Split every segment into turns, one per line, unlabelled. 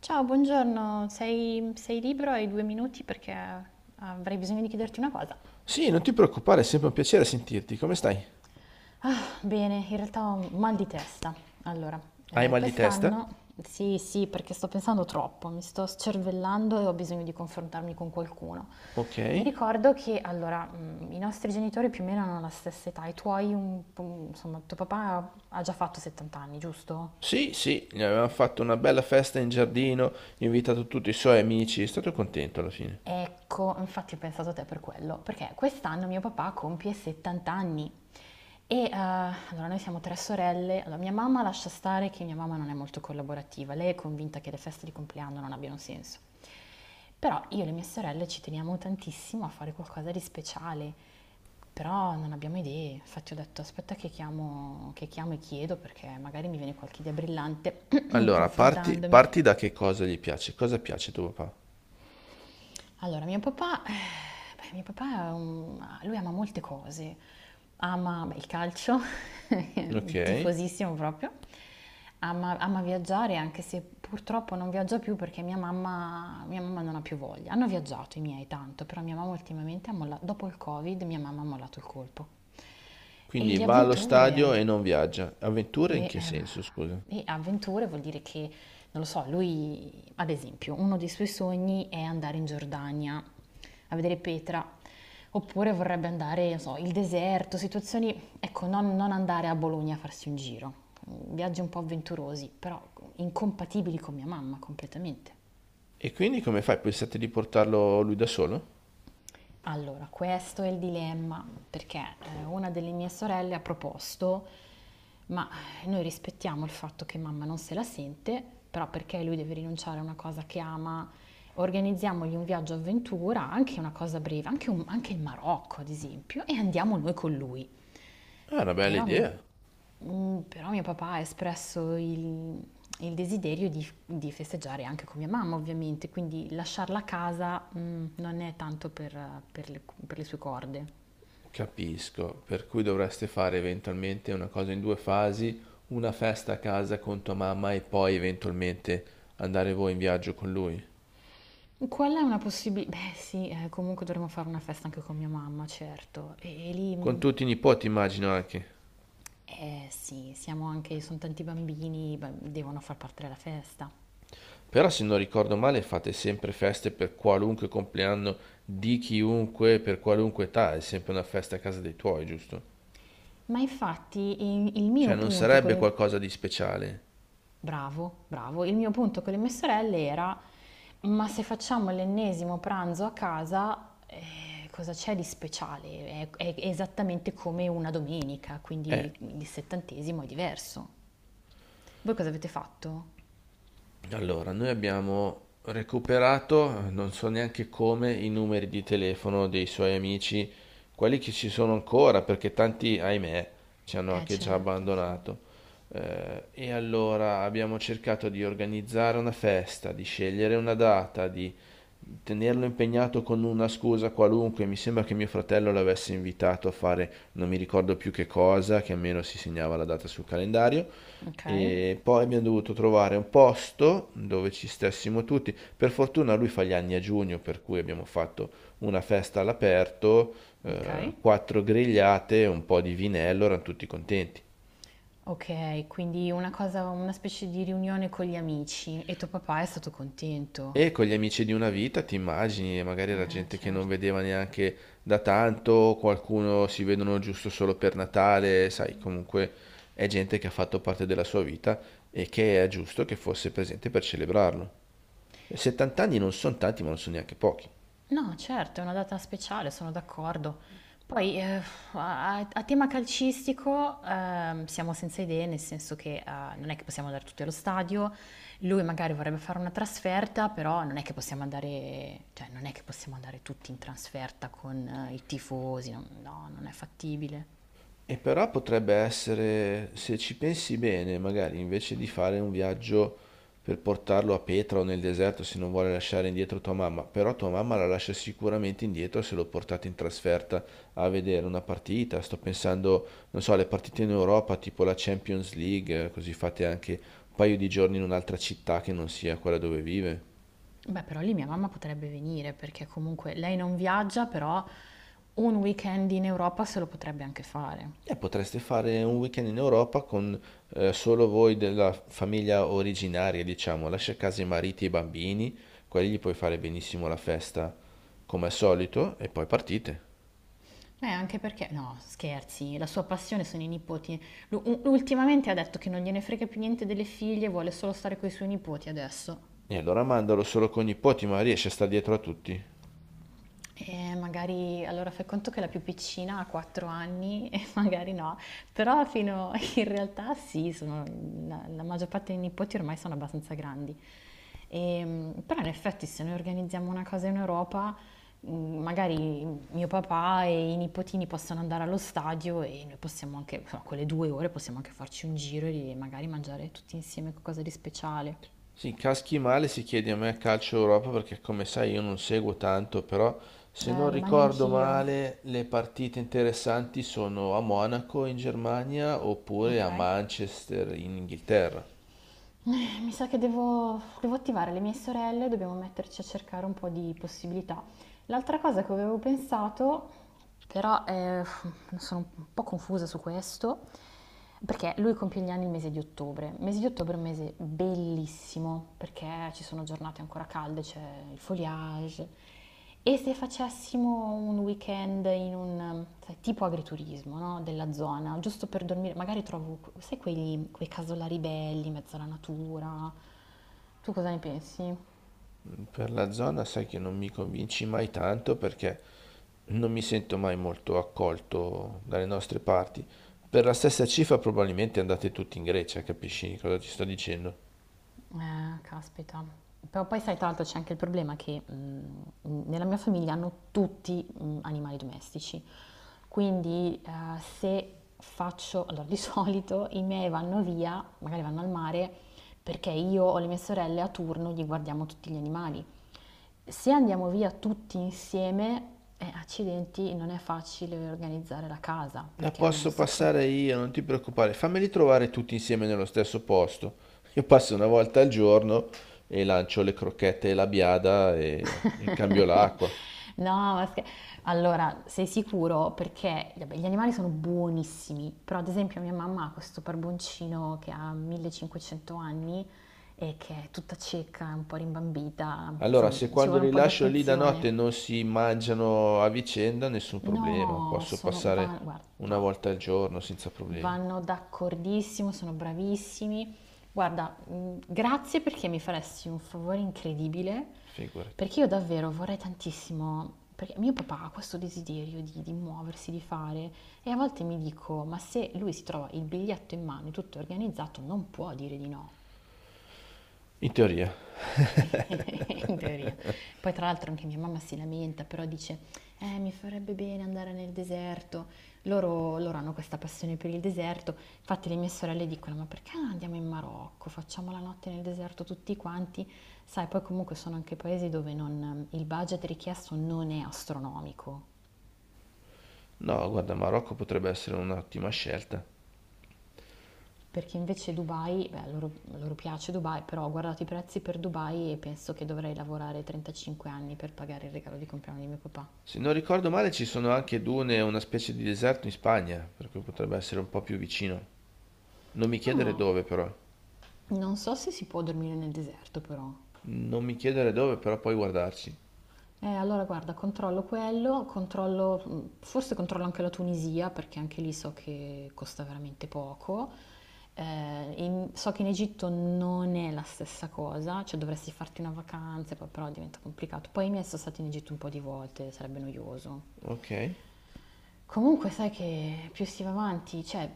Ciao, buongiorno, sei libero? Hai due minuti perché avrei bisogno di chiederti una cosa.
Sì, non ti preoccupare, è sempre un piacere sentirti. Come stai?
Bene, in realtà ho un mal di testa. Allora,
Hai mal di testa?
quest'anno, sì, sì, perché sto pensando troppo, mi sto scervellando e ho bisogno di confrontarmi con qualcuno. Mi
Ok.
ricordo che, allora, i nostri genitori più o meno hanno la stessa età, i tuoi, un po', insomma, tuo papà ha già fatto 70 anni, giusto?
Sì, sì, gli avevamo fatto una bella festa in giardino, invitato tutti i suoi amici, è stato contento alla fine.
Ecco, infatti ho pensato a te per quello, perché quest'anno mio papà compie 70 anni e allora noi siamo tre sorelle, allora mia mamma lascia stare che mia mamma non è molto collaborativa, lei è convinta che le feste di compleanno non abbiano senso, però io e le mie sorelle ci teniamo tantissimo a fare qualcosa di speciale, però non abbiamo idee, infatti ho detto aspetta che chiamo e chiedo perché magari mi viene qualche idea brillante
Allora, parti,
confrontandomi.
parti da che cosa gli piace, cosa piace a tuo papà?
Allora, mio papà, beh, mio papà è un- lui ama molte cose. Ama beh, il calcio,
Ok.
tifosissimo proprio. Ama viaggiare, anche se purtroppo non viaggia più perché mia mamma non ha più voglia. Hanno viaggiato i miei tanto, però mia mamma ultimamente ha mollato, dopo il Covid, mia mamma ha mollato il colpo. E
Quindi
le
va allo
avventure.
stadio e non viaggia. Avventure in
E,
che senso, scusa?
eh, e avventure vuol dire che, non lo so, lui, ad esempio, uno dei suoi sogni è andare in Giordania a vedere Petra, oppure vorrebbe andare, non so, il deserto, situazioni, ecco, non andare a Bologna a farsi un giro, viaggi un po' avventurosi, però incompatibili con mia mamma completamente.
E quindi come fai? Pensate di portarlo lui da solo?
Allora, questo è il dilemma, perché una delle mie sorelle ha proposto, ma noi rispettiamo il fatto che mamma non se la sente, però perché lui deve rinunciare a una cosa che ama, organizziamogli un viaggio avventura, anche una cosa breve, anche il Marocco ad esempio, e andiamo noi con lui.
È una bella
Però mio
idea.
Però mio papà ha espresso il desiderio di festeggiare anche con mia mamma, ovviamente, quindi lasciarla a casa, non è tanto per per le sue corde.
Capisco, per cui dovreste fare eventualmente una cosa in due fasi, una festa a casa con tua mamma e poi eventualmente andare voi in viaggio con lui.
Quella è una possibilità. Beh, sì, comunque dovremmo fare una festa anche con mia mamma, certo. E lì,
Con tutti i nipoti immagino anche.
eh sì, siamo anche, sono tanti bambini, beh, devono far parte della festa.
Però se non ricordo male fate sempre feste per qualunque compleanno di chiunque, per qualunque età, è sempre una festa a casa dei tuoi, giusto?
Ma infatti il mio
Cioè non
punto con
sarebbe
le
qualcosa di speciale.
Bravo, bravo. Il mio punto con le mie sorelle era, ma se facciamo l'ennesimo pranzo a casa, cosa c'è di speciale? È esattamente come una domenica, quindi
Eh,
il settantesimo è diverso. Voi cosa avete fatto?
Allora, noi abbiamo recuperato, non so neanche come, i numeri di telefono dei suoi amici, quelli che ci sono ancora, perché tanti, ahimè, ci hanno anche già
Certo, sì.
abbandonato. E allora abbiamo cercato di organizzare una festa, di scegliere una data, di tenerlo impegnato con una scusa qualunque. Mi sembra che mio fratello l'avesse invitato a fare non mi ricordo più che cosa, che almeno si segnava la data sul calendario.
Ok,
E poi abbiamo dovuto trovare un posto dove ci stessimo tutti. Per fortuna lui fa gli anni a giugno, per cui abbiamo fatto una festa all'aperto,
ok.
quattro grigliate, un po' di vinello, erano tutti contenti.
Ok, quindi una cosa, una specie di riunione con gli amici e tuo papà è stato contento.
E con gli amici di una vita, ti immagini, magari era gente che non
Certo.
vedeva neanche da tanto, qualcuno si vedono giusto solo per Natale, sai, comunque è gente che ha fatto parte della sua vita e che è giusto che fosse presente per celebrarlo. 70 anni non sono tanti, ma non sono neanche pochi.
No, certo, è una data speciale, sono d'accordo. Poi, a tema calcistico, siamo senza idee, nel senso che non è che possiamo andare tutti allo stadio, lui magari vorrebbe fare una trasferta, però non è che possiamo andare, cioè, non è che possiamo andare tutti in trasferta con i tifosi, no, no, non è fattibile.
E però potrebbe essere, se ci pensi bene, magari invece di fare un viaggio per portarlo a Petra o nel deserto se non vuole lasciare indietro tua mamma, però tua mamma la lascia sicuramente indietro se lo portate in trasferta a vedere una partita. Sto pensando, non so, alle partite in Europa, tipo la Champions League, così fate anche un paio di giorni in un'altra città che non sia quella dove vive.
Beh, però lì mia mamma potrebbe venire, perché comunque lei non viaggia, però un weekend in Europa se lo potrebbe anche fare.
E potreste fare un weekend in Europa con solo voi della famiglia originaria, diciamo. Lascia a casa i mariti e i bambini, quelli gli puoi fare benissimo la festa come al solito e poi partite.
Anche perché, no, scherzi, la sua passione sono i nipoti. Ultimamente ha detto che non gliene frega più niente delle figlie, vuole solo stare con i suoi nipoti adesso.
E allora mandalo solo con i nipoti, ma riesce a stare dietro a tutti.
Magari allora fai conto che la più piccina ha 4 anni e magari no, però fino in realtà sì, la maggior parte dei nipoti ormai sono abbastanza grandi. Però in effetti se noi organizziamo una cosa in Europa, mh, magari mio papà e i nipotini possono andare allo stadio e noi possiamo anche, insomma, quelle due ore possiamo anche farci un giro e magari mangiare tutti insieme qualcosa di speciale.
Sì, caschi male si chiede a me a calcio Europa perché come sai io non seguo tanto, però se non
Lo mani
ricordo
anch'io,
male le partite interessanti sono a Monaco in Germania oppure
ok?
a Manchester in Inghilterra.
Mi sa che devo attivare le mie sorelle, dobbiamo metterci a cercare un po' di possibilità. L'altra cosa che avevo pensato, però sono un po' confusa su questo, perché lui compie gli anni il mese di ottobre. Il mese di ottobre è un mese bellissimo, perché ci sono giornate ancora calde, c'è il foliage. E se facessimo un weekend in un, sai, tipo agriturismo, no? Della zona, giusto per dormire, magari trovo, sai, quei casolari belli, in mezzo alla natura. Tu cosa ne pensi?
Per la zona sai che non mi convinci mai tanto perché non mi sento mai molto accolto dalle nostre parti. Per la stessa cifra probabilmente andate tutti in Grecia, capisci cosa ti sto dicendo?
Caspita. Però poi sai, tra l'altro c'è anche il problema che nella mia famiglia hanno tutti animali domestici, quindi se faccio, allora di solito i miei vanno via, magari vanno al mare, perché io o le mie sorelle a turno gli guardiamo tutti gli animali. Se andiamo via tutti insieme, accidenti, non è facile organizzare la casa,
La
perché hanno un
posso
sacco.
passare io, non ti preoccupare, fammeli trovare tutti insieme nello stesso posto. Io passo una volta al giorno e lancio le crocchette e la biada e cambio l'acqua.
No, ma scher- allora sei sicuro? Perché vabbè, gli animali sono buonissimi, però ad esempio mia mamma ha questo barboncino che ha 1.500 anni e che è tutta cieca, un po' rimbambita,
Allora,
insomma
se
ci
quando
vuole un
li
po' di
lascio lì da
attenzione.
notte non si mangiano a vicenda, nessun problema. Posso passare
Guarda,
una
no,
volta al giorno senza problemi.
vanno d'accordissimo, sono bravissimi. Guarda, grazie perché mi faresti un favore incredibile,
Figurati.
perché io davvero vorrei tantissimo, perché mio papà ha questo desiderio di muoversi, di fare, e a volte mi dico, ma se lui si trova il biglietto in mano e tutto è organizzato, non può dire di no.
In teoria.
In teoria. Poi tra l'altro anche mia mamma si lamenta, però dice, mi farebbe bene andare nel deserto. Loro hanno questa passione per il deserto, infatti le mie sorelle dicono, ma perché non andiamo in Marocco? Facciamo la notte nel deserto tutti quanti. Sai, poi comunque sono anche paesi dove il budget richiesto non è astronomico,
No, guarda, Marocco potrebbe essere un'ottima scelta.
perché invece Dubai, beh, loro piace Dubai, però ho guardato i prezzi per Dubai e penso che dovrei lavorare 35 anni per pagare il regalo di compleanno di mio papà.
Se non ricordo male, ci sono anche dune, e una specie di deserto in Spagna, per cui potrebbe essere un po' più vicino. Non mi chiedere
No.
dove, però.
Non so se si può dormire nel deserto però.
Non mi chiedere dove, però puoi guardarci.
Allora guarda, controllo quello, controllo, forse controllo anche la Tunisia perché anche lì so che costa veramente poco. So che in Egitto non è la stessa cosa, cioè dovresti farti una vacanza, poi però diventa complicato. Poi i miei sono stati in Egitto un po' di volte, sarebbe noioso.
Ok?
Comunque sai che più si va avanti, cioè,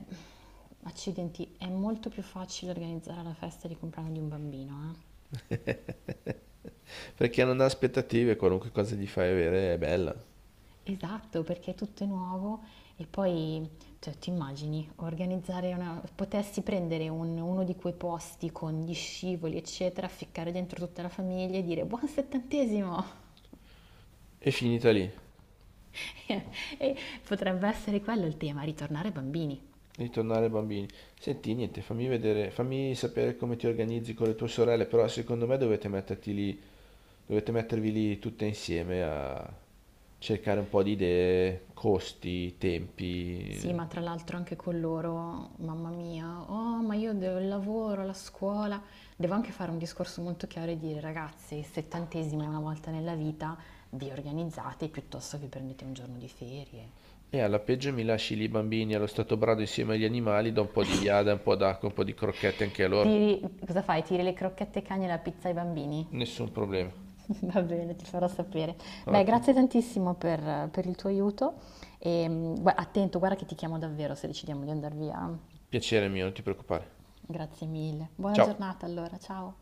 accidenti, è molto più facile organizzare la festa di compleanno di un bambino, eh.
Perché non ha aspettative, qualunque cosa gli fai avere è bella.
Esatto, perché è tutto è nuovo e poi, cioè, ti immagini organizzare una... potessi prendere uno di quei posti con gli scivoli, eccetera, ficcare dentro tutta la famiglia e dire buon settantesimo!
È finita lì.
E potrebbe essere quello il tema, ritornare bambini.
Ritornare bambini. Senti, niente, fammi vedere, fammi sapere come ti organizzi con le tue sorelle, però secondo me dovete metterti lì, dovete mettervi lì tutte insieme a cercare un po' di idee, costi,
Sì,
tempi.
ma tra l'altro anche con loro, mamma mia, oh, ma io devo il lavoro, la scuola. Devo anche fare un discorso molto chiaro e dire, ragazzi, il settantesimo è una volta nella vita, vi organizzate piuttosto che prendete un giorno di ferie.
E alla peggio mi lasci lì i bambini allo stato brado insieme agli animali, do un po' di biada, un po' d'acqua, un po' di crocchette anche a loro.
Tiri, cosa fai? Tiri le crocchette ai cani e la pizza ai bambini?
Nessun problema.
Va bene, ti farò sapere. Beh,
Ottimo.
grazie tantissimo per il tuo aiuto e attento, guarda che ti chiamo davvero se decidiamo di andare via.
Piacere mio, non ti preoccupare.
Grazie mille. Buona
Ciao.
giornata allora, ciao.